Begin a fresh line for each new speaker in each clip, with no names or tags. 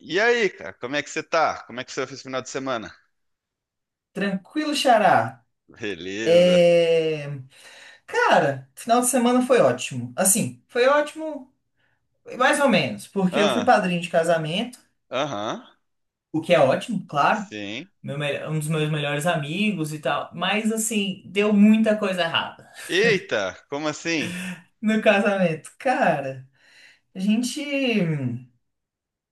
E aí, cara, como é que você tá? Como é que você fez esse final de semana?
Tranquilo, Xará.
Beleza.
É. Cara, final de semana foi ótimo. Assim, foi ótimo, mais ou menos, porque eu fui
Ah,
padrinho de casamento,
aham,
o que é ótimo, claro.
sim.
Meu, um dos meus melhores amigos e tal. Mas, assim, deu muita coisa errada
Eita, como assim?
no casamento. Cara, a gente,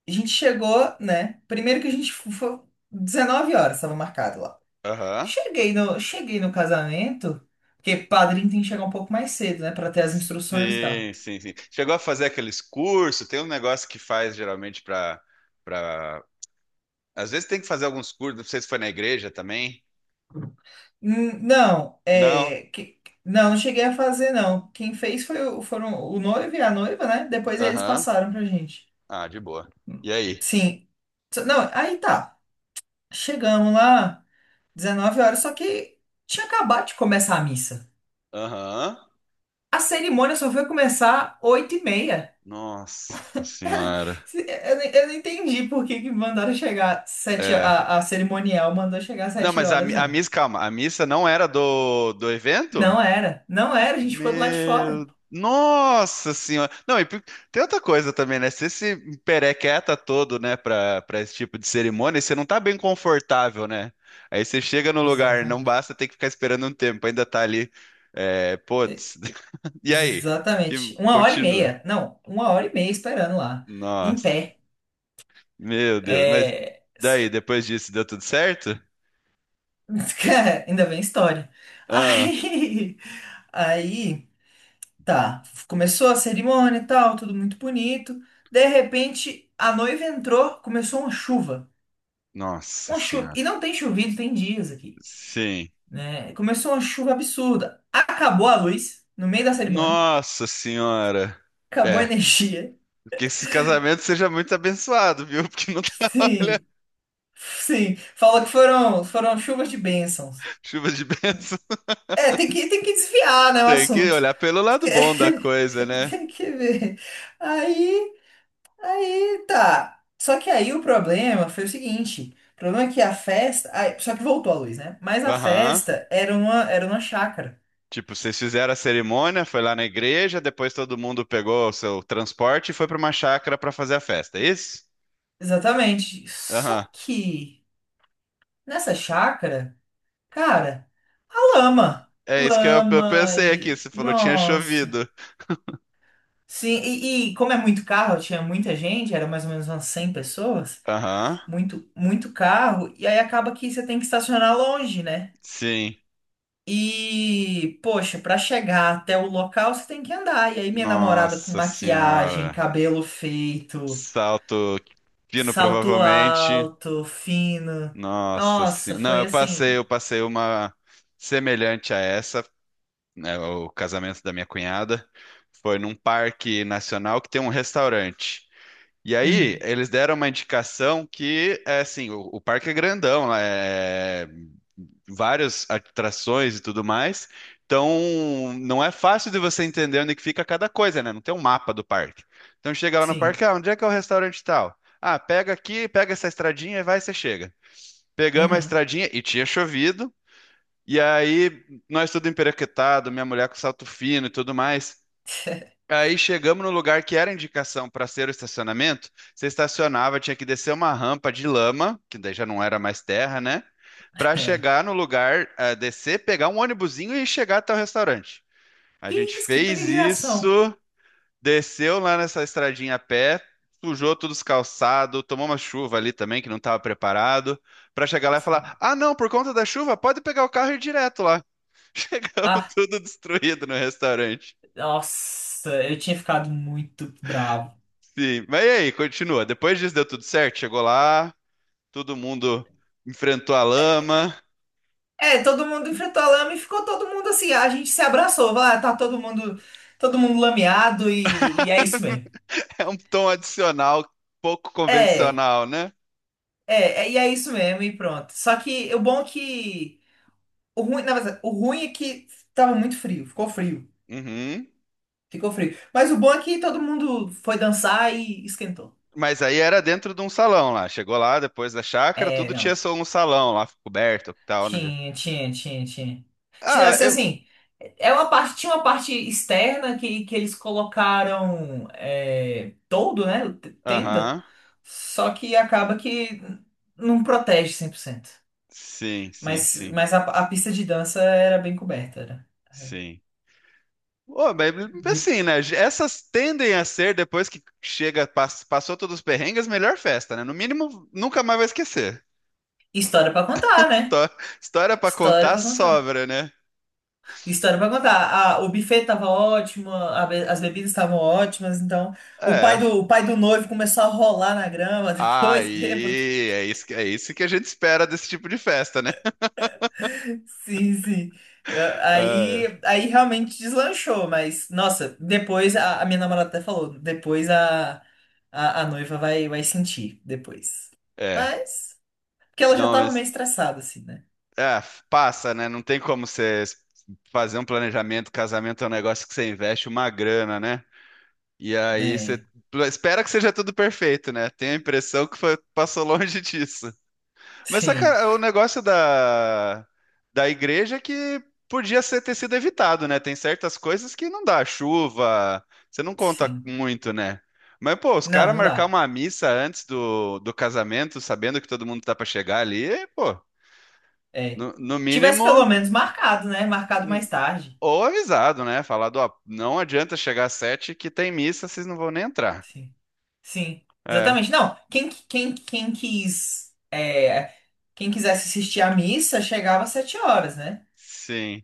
a gente chegou, né? Primeiro que a gente foi 19 horas, estava marcado lá.
Aham.
Cheguei no casamento, porque padrinho tem que chegar um pouco mais cedo, né? Pra ter as instruções e tal.
Sim, sim, sim. Chegou a fazer aqueles cursos, tem um negócio que faz geralmente pra... Às vezes tem que fazer alguns cursos, não sei se foi na igreja também.
Não,
Não?
não cheguei a fazer, não. Quem fez foram o noivo e a noiva, né? Depois eles
Aham.
passaram pra gente.
Ah, de boa. E aí?
Sim. Não, aí tá. Chegamos lá, 19 horas, só que tinha acabado de começar a missa.
Aham.
A cerimônia só foi começar 8h30.
Nossa senhora.
Eu não entendi por que que mandaram chegar sete
É.
a, a cerimonial mandou chegar às
Não,
7
mas
horas,
a
não.
missa, calma, a missa não era do evento?
Não era, não era, a gente ficou do lado de fora.
Meu, nossa senhora. Não, e tem outra coisa também, né? Você se perequeta todo, né, pra esse tipo de cerimônia, você não tá bem confortável, né? Aí você chega no lugar, não
Exatamente.
basta ter que ficar esperando um tempo, ainda tá ali, é, putz. E aí? E
Exatamente. Uma hora e
continua.
meia. Não, uma hora e meia esperando lá. Em
Nossa,
pé.
meu Deus. Mas
É...
daí,
s-
depois disso, deu tudo certo?
Cara, ainda bem história.
Ah,
Aí. Aí. Tá. Começou a cerimônia e tal, tudo muito bonito. De repente, a noiva entrou, começou uma chuva.
nossa
Uma chuva.
senhora.
E não tem chovido, tem dias aqui,
Sim.
né? Começou uma chuva absurda. Acabou a luz no meio da cerimônia.
Nossa senhora.
Acabou a
É.
energia.
Que esse casamento seja muito abençoado, viu? Porque não tá, olha,
Sim. Sim. Falou que foram chuvas de bênçãos.
chuva de bênção.
É, tem que desviar, né, o
Tem que
assunto.
olhar pelo lado bom da
Esque-
coisa, né?
Tem que ver. Aí, aí tá. Só que aí o problema foi o seguinte. O problema é que a festa. Só que voltou a luz, né? Mas a
Aham.
festa era uma chácara.
Tipo, vocês fizeram a cerimônia, foi lá na igreja, depois todo mundo pegou o seu transporte e foi pra uma chácara pra fazer a festa, é isso?
Exatamente.
Aham.
Só que nessa chácara, cara, a lama.
É isso que eu
Lama
pensei aqui.
e.
Você falou tinha
Nossa.
chovido.
Sim, e como é muito carro, tinha muita gente, era mais ou menos umas 100 pessoas.
Aham.
Muito, muito carro, e aí acaba que você tem que estacionar longe, né?
Sim.
E, poxa, para chegar até o local você tem que andar. E aí minha namorada com
Nossa
maquiagem,
senhora.
cabelo feito,
Salto fino,
salto
provavelmente.
alto, fino.
Nossa
Nossa,
senhora. Não,
foi
eu
assim.
passei uma semelhante a essa, né, o casamento da minha cunhada. Foi num parque nacional que tem um restaurante. E aí,
Uhum,
eles deram uma indicação que, é assim, o parque é grandão, é várias atrações e tudo mais. Então, não é fácil de você entender onde que fica cada coisa, né? Não tem um mapa do parque. Então, chega lá no
sim.
parque, ah, onde é que é o restaurante tal? Ah, pega aqui, pega essa estradinha e vai, você chega. Pegamos a
Uhum.
estradinha e tinha chovido. E aí, nós tudo emperequetado, minha mulher com salto fino e tudo mais. Aí chegamos no lugar que era indicação para ser o estacionamento. Você estacionava, tinha que descer uma rampa de lama, que daí já não era mais terra, né? Para
É.
chegar no lugar, eh, descer, pegar um ônibusinho e chegar até o restaurante. A
Que
gente
isso, que
fez
peregrinação.
isso. Desceu lá nessa estradinha a pé, sujou todos os calçados, tomou uma chuva ali também que não estava preparado, para chegar lá e
Sim.
falar: Ah, não, por conta da chuva, pode pegar o carro e ir direto lá. Chegamos
Ah,
tudo destruído no restaurante.
nossa, eu tinha ficado muito bravo.
Sim, mas e aí, continua. Depois disso deu tudo certo, chegou lá, todo mundo enfrentou a lama.
É, todo mundo enfrentou a lama e ficou todo mundo assim. A gente se abraçou, vai, tá todo mundo lameado e é isso mesmo.
É um tom adicional, pouco
É,
convencional, né?
é, é, e é isso mesmo, e pronto. Só que o bom é que. O ruim, na verdade, o ruim é que tava muito frio, ficou frio,
Uhum.
ficou frio. Mas o bom é que todo mundo foi dançar e esquentou.
Mas aí era dentro de um salão lá. Chegou lá, depois da chácara,
É,
tudo tinha
não.
só um salão lá, coberto e tal.
Tinha. Tinha,
Ah,
assim,
eu.
assim, tinha uma parte externa que eles colocaram todo, né? Tenda.
Aham.
Só que acaba que não protege 100%.
Sim, sim,
Mas,
sim,
mas a pista de dança era bem coberta, era.
sim. Ô, mas assim, né? Essas tendem a ser, depois que chega, passou todos os perrengues, melhor festa, né? No mínimo, nunca mais vai esquecer.
História pra contar, né?
Histó- História pra
História
contar
pra contar.
sobra, né?
História pra contar. O buffet tava ótimo, as bebidas estavam ótimas, então o pai
É.
do, o pai do noivo começou a rolar na grama depois, bêbado.
Aí, é isso, é isso que a gente espera desse tipo de festa, né?
Sim, sim. Aí,
Ah,
aí realmente deslanchou, mas nossa, depois a minha namorada até falou, depois a noiva vai sentir depois.
É.
Mas, porque ela já
Não,
tava
mas
meio estressada, assim, né?
é, passa, né? Não tem como você fazer um planejamento. Casamento é um negócio que você investe uma grana, né? E aí você
É,
espera que seja tudo perfeito, né? Tenho a impressão que passou longe disso. Mas só
sim,
o negócio da igreja é que podia ser, ter sido evitado, né? Tem certas coisas que não dá, chuva, você não conta
sim.
muito, né? Mas, pô, os
Não,
caras
não
marcar
dá.
uma missa antes do casamento, sabendo que todo mundo tá pra chegar ali, é, pô,
É.
no
Tivesse pelo menos
mínimo,
marcado, né? Marcado mais
n-
tarde.
ou avisado, né? Falado, ó, não adianta chegar às sete que tem missa, vocês não vão nem entrar.
Sim, sim,
É.
exatamente. Não, quem quisesse assistir à missa chegava às 7 horas, né?
Sim.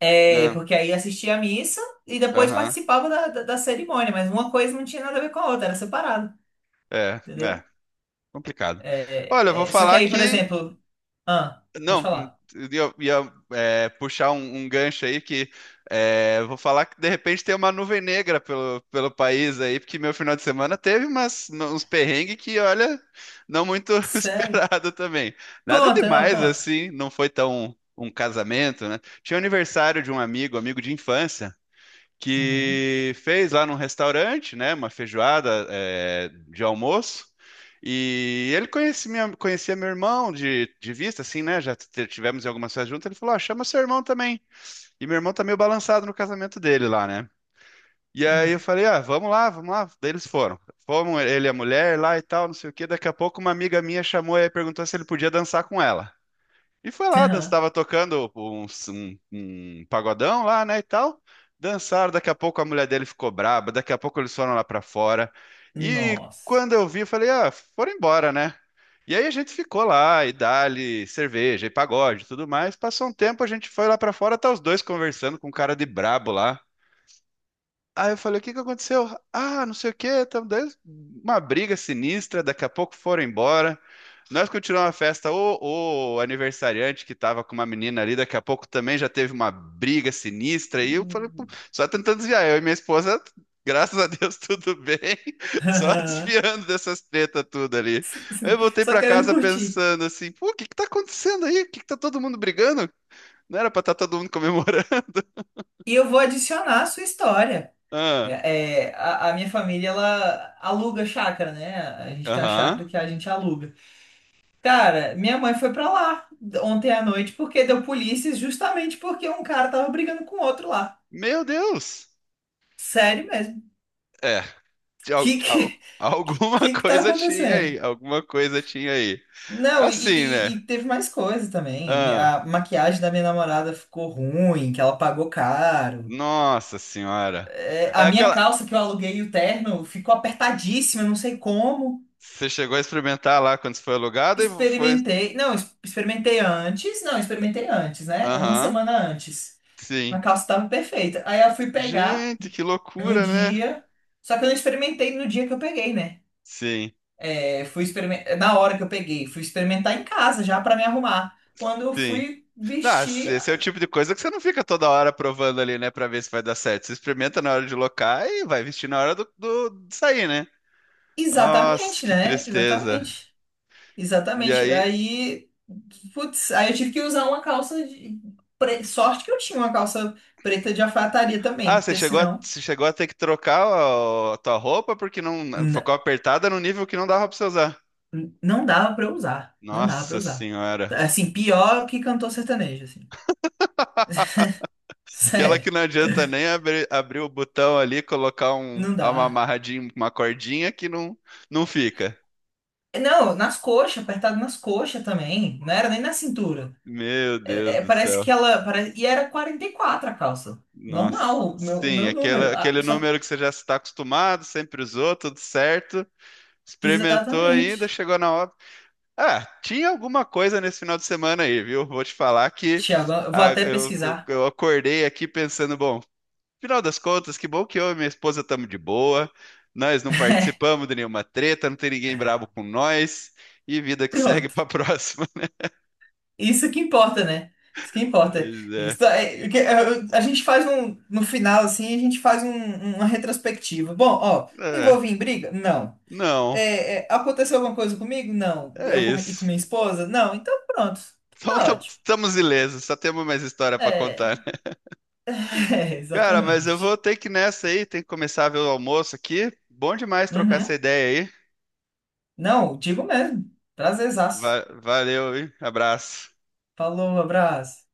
É,
Não.
porque aí assistia a missa e depois
Aham.
participava da cerimônia, mas uma coisa não tinha nada a ver com a outra, era separado,
É,
entendeu?
é. Complicado.
É,
Olha, eu vou
é, é, só que
falar
aí, por
que.
exemplo, ah, pode
Não,
falar.
eu ia, é, puxar um gancho aí que é, eu vou falar que de repente tem uma nuvem negra pelo país aí, porque meu final de semana teve umas, uns perrengues que, olha, não muito
Sério?
esperado também. Nada
Conta, não,
demais
conta.
assim, não foi tão um casamento, né? Tinha aniversário de um amigo, amigo de infância.
Uhum,
Que fez lá num restaurante, né, uma feijoada é, de almoço. E ele conhecia, conhecia meu irmão de vista, assim, né? Já tivemos em algumas festas juntas. Ele falou: ah, chama seu irmão também. E meu irmão tá meio balançado no casamento dele lá, né? E aí eu
uhum.
falei: ah, vamos lá, vamos lá. Daí eles foram. Fomos ele e a mulher lá e tal, não sei o quê. Daqui a pouco uma amiga minha chamou e perguntou se ele podia dançar com ela. E foi lá, dança,
Aham.
tava tocando um pagodão lá, né, e tal. Dançaram, daqui a pouco a mulher dele ficou braba, daqui a pouco eles foram lá pra fora. E
Nossa.
quando eu vi, eu falei, ah, foram embora, né? E aí a gente ficou lá, e dali, cerveja, e pagode, e tudo mais. Passou um tempo, a gente foi lá pra fora, tá os dois conversando com um cara de brabo lá. Aí eu falei, o que que aconteceu? Ah, não sei o quê, tamo dando uma briga sinistra, daqui a pouco foram embora. Nós continuamos a festa. O aniversariante que tava com uma menina ali, daqui a pouco também já teve uma briga sinistra. E eu falei, "Pô,
Hum.
só tentando desviar. Eu e minha esposa, graças a Deus, tudo bem. Só desviando dessas tretas tudo ali. Aí eu voltei
Só
pra
querendo
casa
curtir.
pensando assim: pô, o que que tá acontecendo aí? O que que tá todo mundo brigando? Não era pra estar todo mundo comemorando.
E eu vou adicionar a sua história.
Ah,
É, é, a minha família, ela aluga chácara, né? A gente tem uma
aham.
chácara que a gente aluga. Cara, minha mãe foi pra lá ontem à noite porque deu polícia justamente porque um cara tava brigando com outro lá.
Meu Deus!
Sério mesmo.
É, de
Que que, que,
alguma
que tá
coisa tinha
acontecendo?
aí, alguma coisa tinha aí.
Não, e,
Assim,
e-
né?
e teve mais coisa também.
Ah,
A maquiagem da minha namorada ficou ruim, que ela pagou caro.
nossa senhora.
É, a
É
minha
aquela.
calça que eu aluguei, o terno, ficou apertadíssima, não sei como.
Você chegou a experimentar lá quando você foi alugado e foi.
Experimentei. Não, experimentei antes. Não, experimentei antes, né? Uma
Aham,
semana antes.
sim.
A calça tava perfeita. Aí eu fui pegar.
Gente, que
no
loucura, né?
dia. Só que eu não experimentei no dia que eu peguei, né?
Sim,
É, fui experimentar, na hora que eu peguei, fui experimentar em casa já pra me arrumar. Quando eu
sim.
fui
Não, esse
vestir,
esse é o tipo de coisa que você não fica toda hora provando ali, né, pra ver se vai dar certo. Você experimenta na hora de locar e vai vestir na hora de sair, né? Nossa,
exatamente,
que
né?
tristeza.
Exatamente.
E
Exatamente.
aí.
Aí, putz, aí eu tive que usar uma calça. Sorte que eu tinha uma calça preta de alfaiataria também,
Ah,
porque senão
você chegou a ter que trocar a tua roupa porque não
n-
ficou apertada no nível que não dava pra você usar.
não dava pra eu usar, não dava pra eu
Nossa
usar.
senhora.
Assim, pior que cantor sertanejo, assim.
Aquela que
Sério,
não adianta nem abrir o botão ali, colocar um,
não
uma
dá.
amarradinha, uma cordinha que não, não fica.
Não, nas coxas, apertado nas coxas também. Não era nem na cintura.
Meu Deus do
Parece
céu.
que ela. Pare. E era 44 a calça. Normal,
Nossa.
o meu, o
Sim,
meu
aquele,
número. Ah,
aquele
só.
número que você já está acostumado, sempre usou, tudo certo. Experimentou ainda,
Exatamente.
chegou na hora. Ah, tinha alguma coisa nesse final de semana aí, viu? Vou te falar que
Tiago, eu vou
ah,
até
eu, eu
pesquisar.
eu acordei aqui pensando, bom, final das contas, que bom que eu e minha esposa estamos de boa. Nós não participamos de nenhuma treta, não tem ninguém brabo com nós. E vida que segue
Pronto.
para a próxima.
Isso que importa, né? Isso que importa.
Pois é.
Isso, a gente faz um. No final, assim, a gente faz uma retrospectiva. Bom, ó, me
É,
envolvi em briga? Não.
Não,
É, é, aconteceu alguma coisa comigo? Não.
é
E com
isso.
minha esposa? Não. Então, pronto.
Então
Tá ótimo.
estamos ilesos, só temos mais história para contar,
É.
né?
É,
Cara, mas eu
exatamente.
vou ter que ir nessa aí, tem que começar a ver o almoço aqui. Bom demais trocar essa
Uhum.
ideia aí.
Não, digo mesmo. Prazerzaço.
Valeu, hein? Abraço.
Falou, abraço.